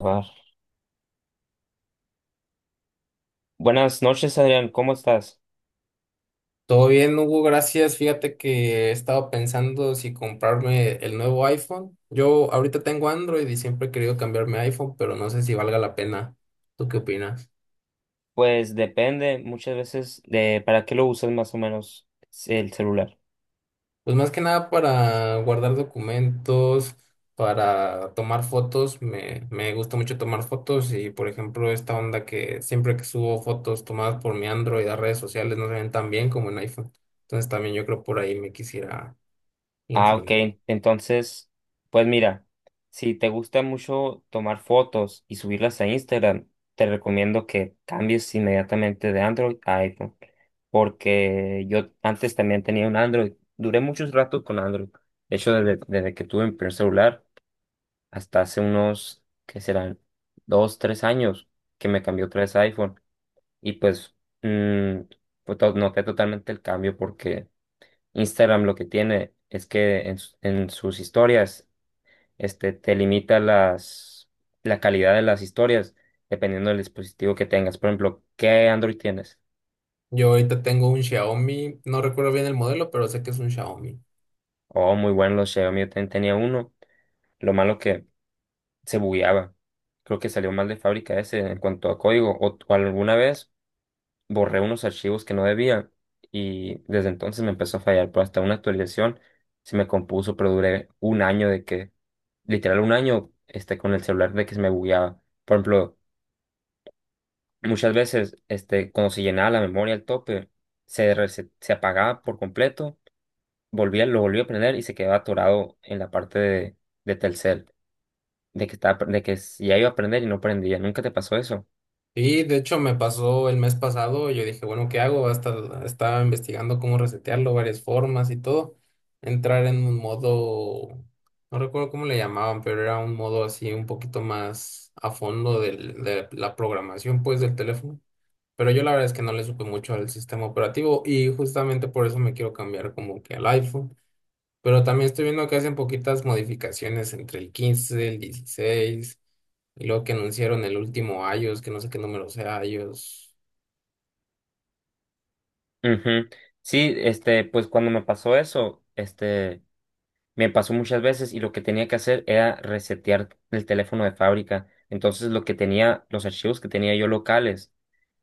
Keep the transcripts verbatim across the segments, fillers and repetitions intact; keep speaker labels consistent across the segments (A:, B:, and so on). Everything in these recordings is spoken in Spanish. A: Ah, buenas noches, Adrián, ¿cómo estás?
B: Todo bien, Hugo, gracias. Fíjate que he estado pensando si comprarme el nuevo iPhone. Yo ahorita tengo Android y siempre he querido cambiarme a iPhone, pero no sé si valga la pena. ¿Tú qué opinas?
A: Pues depende muchas veces de para qué lo usas más o menos el celular.
B: Pues más que nada para guardar documentos, para tomar fotos. Me, me gusta mucho tomar fotos y, por ejemplo, esta onda que siempre que subo fotos tomadas por mi Android a redes sociales no se ven tan bien como en iPhone. Entonces también yo creo por ahí me quisiera
A: Ah, ok.
B: inclinar.
A: Entonces, pues mira, si te gusta mucho tomar fotos y subirlas a Instagram, te recomiendo que cambies inmediatamente de Android a iPhone, porque yo antes también tenía un Android. Duré muchos ratos con Android. De hecho, desde, desde que tuve mi primer celular hasta hace unos, ¿qué serán? Dos, tres años que me cambió otra vez a iPhone. Y pues, mm, pues to- Noté totalmente el cambio porque Instagram lo que tiene es que en, su- en sus historias este, te limita las, la calidad de las historias dependiendo del dispositivo que tengas. Por ejemplo, ¿qué Android tienes?
B: Yo ahorita tengo un Xiaomi, no recuerdo bien el modelo, pero sé que es un Xiaomi.
A: Oh, muy bueno, los Xiaomi yo también tenía uno. Lo malo que se bugueaba. Creo que salió mal de fábrica ese en cuanto a código. O, o alguna vez borré unos archivos que no debía y desde entonces me empezó a fallar, pero hasta una actualización se me compuso, pero duré un año de que, literal un año, este, con el celular de que se me bugueaba. Por ejemplo, muchas veces, este, cuando se llenaba la memoria al tope, se, rese- se apagaba por completo, volvía, lo volvía a prender y se quedaba atorado en la parte de, de Telcel, de que estaba, de que ya iba a prender y no prendía. ¿Nunca te pasó eso?
B: Y de hecho me pasó el mes pasado, yo dije, bueno, ¿qué hago? Hasta estaba investigando cómo resetearlo, varias formas y todo. Entrar en un modo, no recuerdo cómo le llamaban, pero era un modo así un poquito más a fondo del- de la programación pues del teléfono. Pero yo la verdad es que no le supe mucho al sistema operativo y justamente por eso me quiero cambiar como que al iPhone. Pero también estoy viendo que hacen poquitas modificaciones entre el quince, el dieciséis y luego que anunciaron el último iOS, que no sé qué número sea iOS.
A: Ujú. Sí, este, pues cuando me pasó eso, este... me pasó muchas veces y lo que tenía que hacer era resetear el teléfono de fábrica. Entonces lo que tenía, los archivos que tenía yo locales,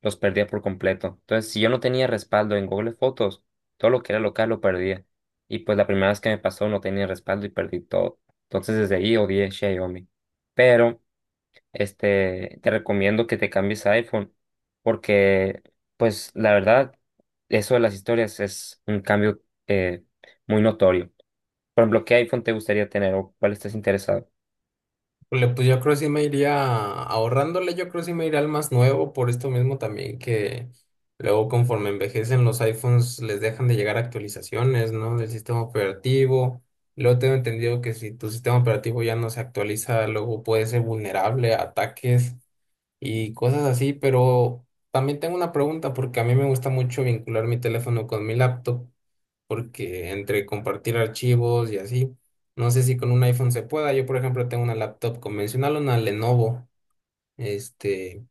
A: los perdía por completo. Entonces si yo no tenía respaldo en Google Fotos, todo lo que era local lo perdía. Y pues la primera vez que me pasó no tenía respaldo y perdí todo. Entonces desde ahí odié Xiaomi. Pero este, te recomiendo que te cambies a iPhone porque pues la verdad, eso de las historias es un cambio eh, muy notorio. Por ejemplo, ¿qué iPhone te gustaría tener o cuál estás interesado?
B: Pues le- pues yo creo que sí me iría ahorrándole, yo creo que sí me iría al más nuevo, por esto mismo también que luego conforme envejecen los iPhones les dejan de llegar actualizaciones, ¿no? Del sistema operativo. Luego tengo entendido que si tu sistema operativo ya no se actualiza, luego puede ser vulnerable a ataques y cosas así, pero también tengo una pregunta porque a mí me gusta mucho vincular mi teléfono con mi laptop, porque entre compartir archivos y así, no sé si con un iPhone se pueda. Yo, por ejemplo, tengo una laptop convencional, una Lenovo, este,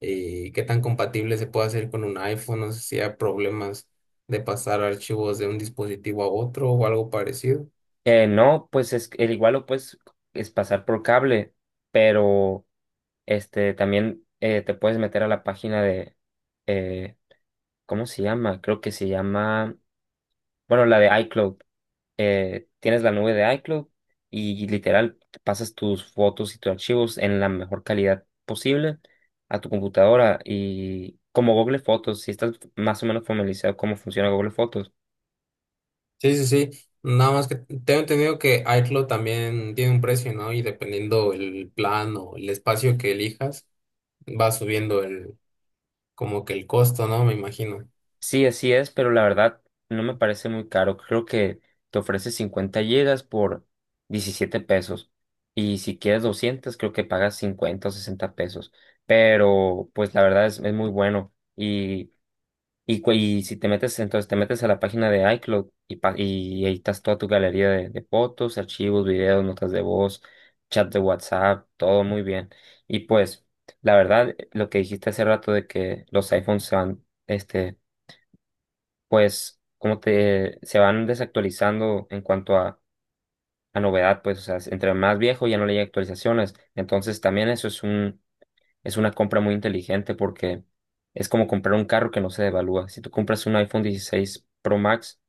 B: y qué tan compatible se puede hacer con un iPhone, no sé si hay problemas de pasar archivos de un dispositivo a otro o algo parecido.
A: Eh, no, pues es el igual o pues es pasar por cable, pero este también eh, te puedes meter a la página de eh, ¿cómo se llama? Creo que se llama, bueno, la de iCloud. Eh, tienes la nube de iCloud y literal pasas tus fotos y tus archivos en la mejor calidad posible a tu computadora y como Google Fotos, si estás más o menos familiarizado cómo funciona Google Fotos.
B: Sí, sí, sí. Nada más que tengo entendido que iCloud también tiene un precio, ¿no? Y dependiendo el plan o el espacio que elijas, va subiendo el, como que el costo, ¿no? Me imagino.
A: Sí, así es, pero la verdad no me parece muy caro. Creo que te ofrece cincuenta gigas por diecisiete pesos. Y si quieres doscientos creo que pagas cincuenta o sesenta pesos. Pero pues la verdad es, es muy bueno. Y, y, cu- y si te metes, entonces te metes a la página de iCloud y, pa- y editas toda tu galería de, de fotos, archivos, videos, notas de voz, chat de WhatsApp, todo muy bien. Y pues la verdad, lo que dijiste hace rato de que los iPhones se van, este pues como te se van desactualizando en cuanto a, a novedad, pues o sea, entre más viejo ya no le hay actualizaciones. Entonces también eso es un, es una compra muy inteligente porque es como comprar un carro que no se devalúa. Si tú compras un iPhone dieciséis Pro Max,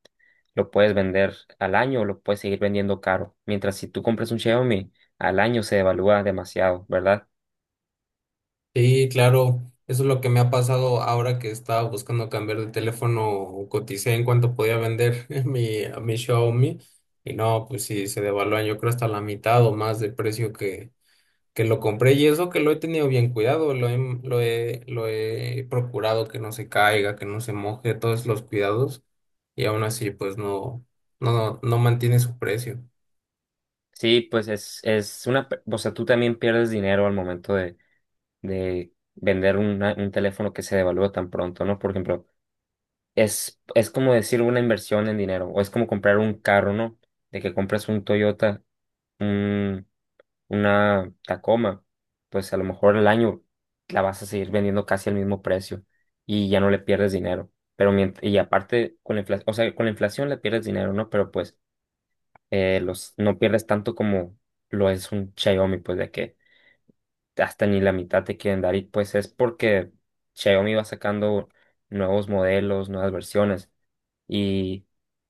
A: lo puedes vender al año o lo puedes seguir vendiendo caro. Mientras si tú compras un Xiaomi, al año se devalúa demasiado, ¿verdad?
B: Sí, claro, eso es lo que me ha pasado ahora que estaba buscando cambiar de teléfono, coticé en cuánto podía vender mi, mi Xiaomi y no, pues sí, se devaluó, yo creo hasta la mitad o más del precio que que lo compré y eso que lo he tenido bien cuidado, lo he, lo he, lo he procurado que no se caiga, que no se moje, todos los cuidados y aún así pues no, no, no mantiene su precio.
A: Sí, pues es, es una, pe- o sea, tú también pierdes dinero al momento de, de, vender una- un teléfono que se devalúa tan pronto, ¿no? Por ejemplo, es, es como decir una inversión en dinero, o es como comprar un carro, ¿no? De que compras un Toyota, un, una Tacoma, pues a lo mejor el año la vas a seguir vendiendo casi al mismo precio y ya no le pierdes dinero. Pero mientras, y aparte, con la inflación, o sea, con la inflación le pierdes dinero, ¿no? Pero pues eh, los, no pierdes tanto como lo es un Xiaomi, pues de que hasta ni la mitad te quieren dar y pues es porque Xiaomi va sacando nuevos modelos, nuevas versiones y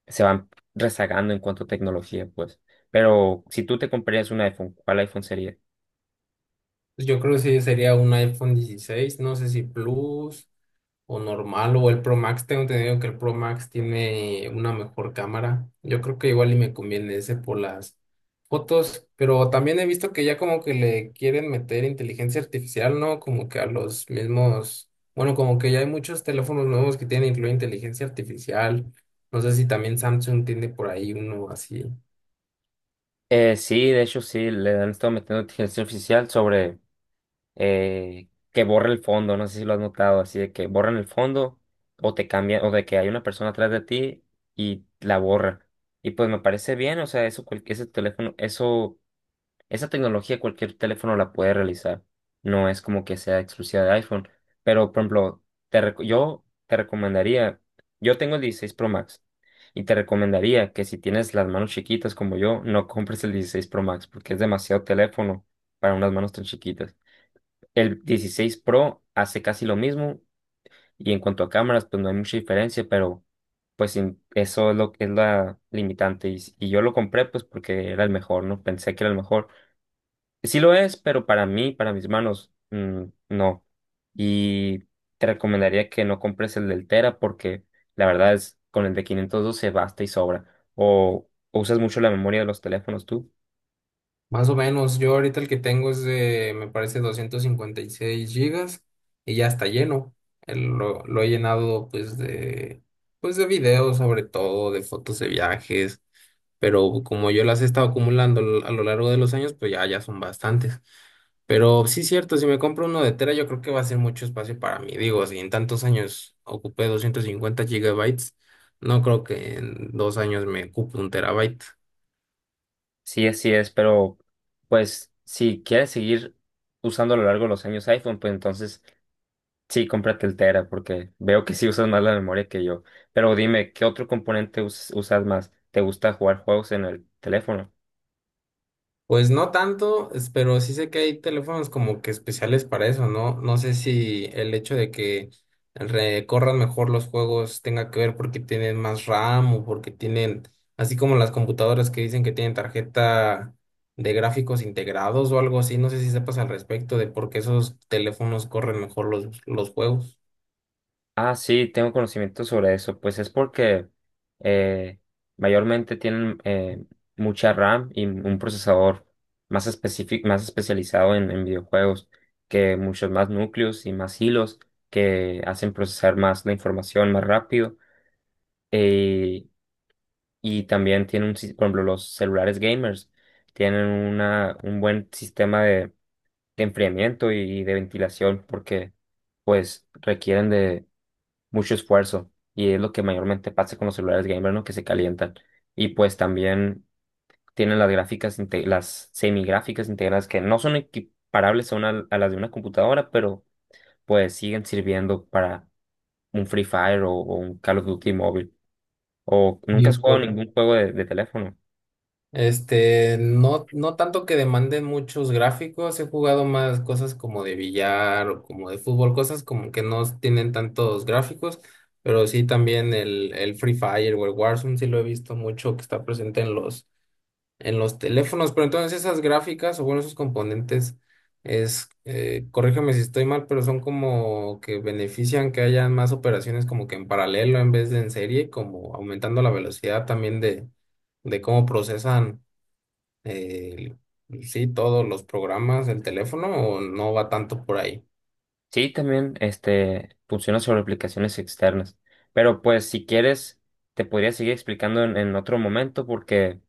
A: se van rezagando en cuanto a tecnología, pues. Pero si tú te comprarías un iPhone, ¿cuál iPhone sería?
B: Yo creo que sí sería un iPhone dieciséis, no sé si Plus o normal o el Pro Max. Tengo entendido que el Pro Max tiene una mejor cámara. Yo creo que igual y me conviene ese por las fotos, pero también he visto que ya como que le quieren meter inteligencia artificial, ¿no? Como que a los mismos, bueno, como que ya hay muchos teléfonos nuevos que tienen incluida inteligencia artificial. No sé si también Samsung tiene por ahí uno así.
A: Eh, sí, de hecho sí, le han estado metiendo inteligencia artificial sobre eh, que borre el fondo, no sé si lo has notado, así de que borran el fondo o te cambian, o de que hay una persona atrás de ti y la borra. Y pues me parece bien, o sea, eso, cual- ese teléfono, eso esa tecnología cualquier teléfono la puede realizar. No es como que sea exclusiva de iPhone. Pero, por ejemplo, te reco- yo te recomendaría. Yo tengo el dieciséis Pro Max y te recomendaría que si tienes las manos chiquitas como yo, no compres el dieciséis Pro Max porque es demasiado teléfono para unas manos tan chiquitas. El dieciséis Pro hace casi lo mismo y en cuanto a cámaras, pues no hay mucha diferencia, pero pues sin- eso es lo que es la limitante. Y, s- y yo lo compré pues porque era el mejor, ¿no? Pensé que era el mejor. Sí lo es, pero para mí, para mis manos, mm, no. Y te recomendaría que no compres el del Tera porque la verdad es con el de quinientos doce basta y sobra. O, o usas mucho la memoria de los teléfonos tú.
B: Más o menos, yo ahorita el que tengo es de, me parece, doscientos cincuenta y seis gigas y ya está lleno. El- lo, lo he llenado pues de, pues de videos sobre todo, de fotos de viajes, pero como yo las he estado acumulando a lo largo de los años, pues ya, ya son bastantes. Pero sí, cierto, si me compro uno de tera, yo creo que va a ser mucho espacio para mí. Digo, si en tantos años ocupé doscientos cincuenta gigabytes, no creo que en dos años me ocupe un terabyte.
A: Sí, así es, pero pues si quieres seguir usando a lo largo de los años iPhone, pues entonces sí, cómprate el Tera porque veo que sí usas más la memoria que yo. Pero dime, ¿qué otro componente us- usas más? ¿Te gusta jugar juegos en el teléfono?
B: Pues no tanto, es- pero sí sé que hay teléfonos como que especiales para eso, ¿no? No sé si el hecho de que recorran mejor los juegos tenga que ver porque tienen más RAM o porque tienen, así como las computadoras que dicen que tienen tarjeta de gráficos integrados o algo así, no sé si sepas al respecto de por qué esos teléfonos corren mejor los, los juegos.
A: Ah, sí, tengo conocimiento sobre eso. Pues es porque eh, mayormente tienen eh, mucha RAM y un procesador más específico, más especializado en, en videojuegos, que muchos más núcleos y más hilos que hacen procesar más la información más rápido. Eh, y también tienen un, sis- por ejemplo, los celulares gamers tienen una, un buen sistema de, de enfriamiento y de ventilación porque pues requieren mucho esfuerzo y es lo que mayormente pasa con los celulares gamer, ¿no? Que se calientan. Y pues también tienen las gráficas, inte- las semigráficas integradas que no son equiparables a, una- a las de una computadora, pero pues siguen sirviendo para un Free Fire o, o un Call of Duty móvil. ¿O nunca
B: Y
A: has jugado
B: por,
A: ningún juego de, de teléfono?
B: Este, no, no tanto que demanden muchos gráficos, he jugado más cosas como de billar o como de fútbol, cosas como que no tienen tantos gráficos, pero sí también el, el Free Fire o el Warzone sí lo he visto mucho que está presente en los, en los teléfonos, pero entonces esas gráficas o bueno, esos componentes es, eh, corrígeme si estoy mal, pero son como que benefician que haya más operaciones como que en paralelo en vez de en serie, como aumentando la velocidad también de, de cómo procesan el- pues sí, todos los programas, el teléfono, o no va tanto por ahí.
A: Sí, también este, funciona sobre aplicaciones externas. Pero pues si quieres, te podría seguir explicando en, en otro momento porque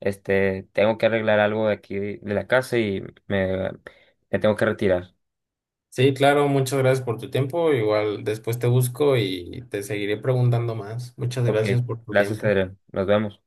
A: este, tengo que arreglar algo de aquí de la casa y me, me tengo que retirar.
B: Sí, claro, muchas gracias por tu tiempo. Igual después te busco y te seguiré preguntando más. Muchas
A: Ok,
B: gracias por tu
A: gracias,
B: tiempo.
A: Adrián. Nos vemos.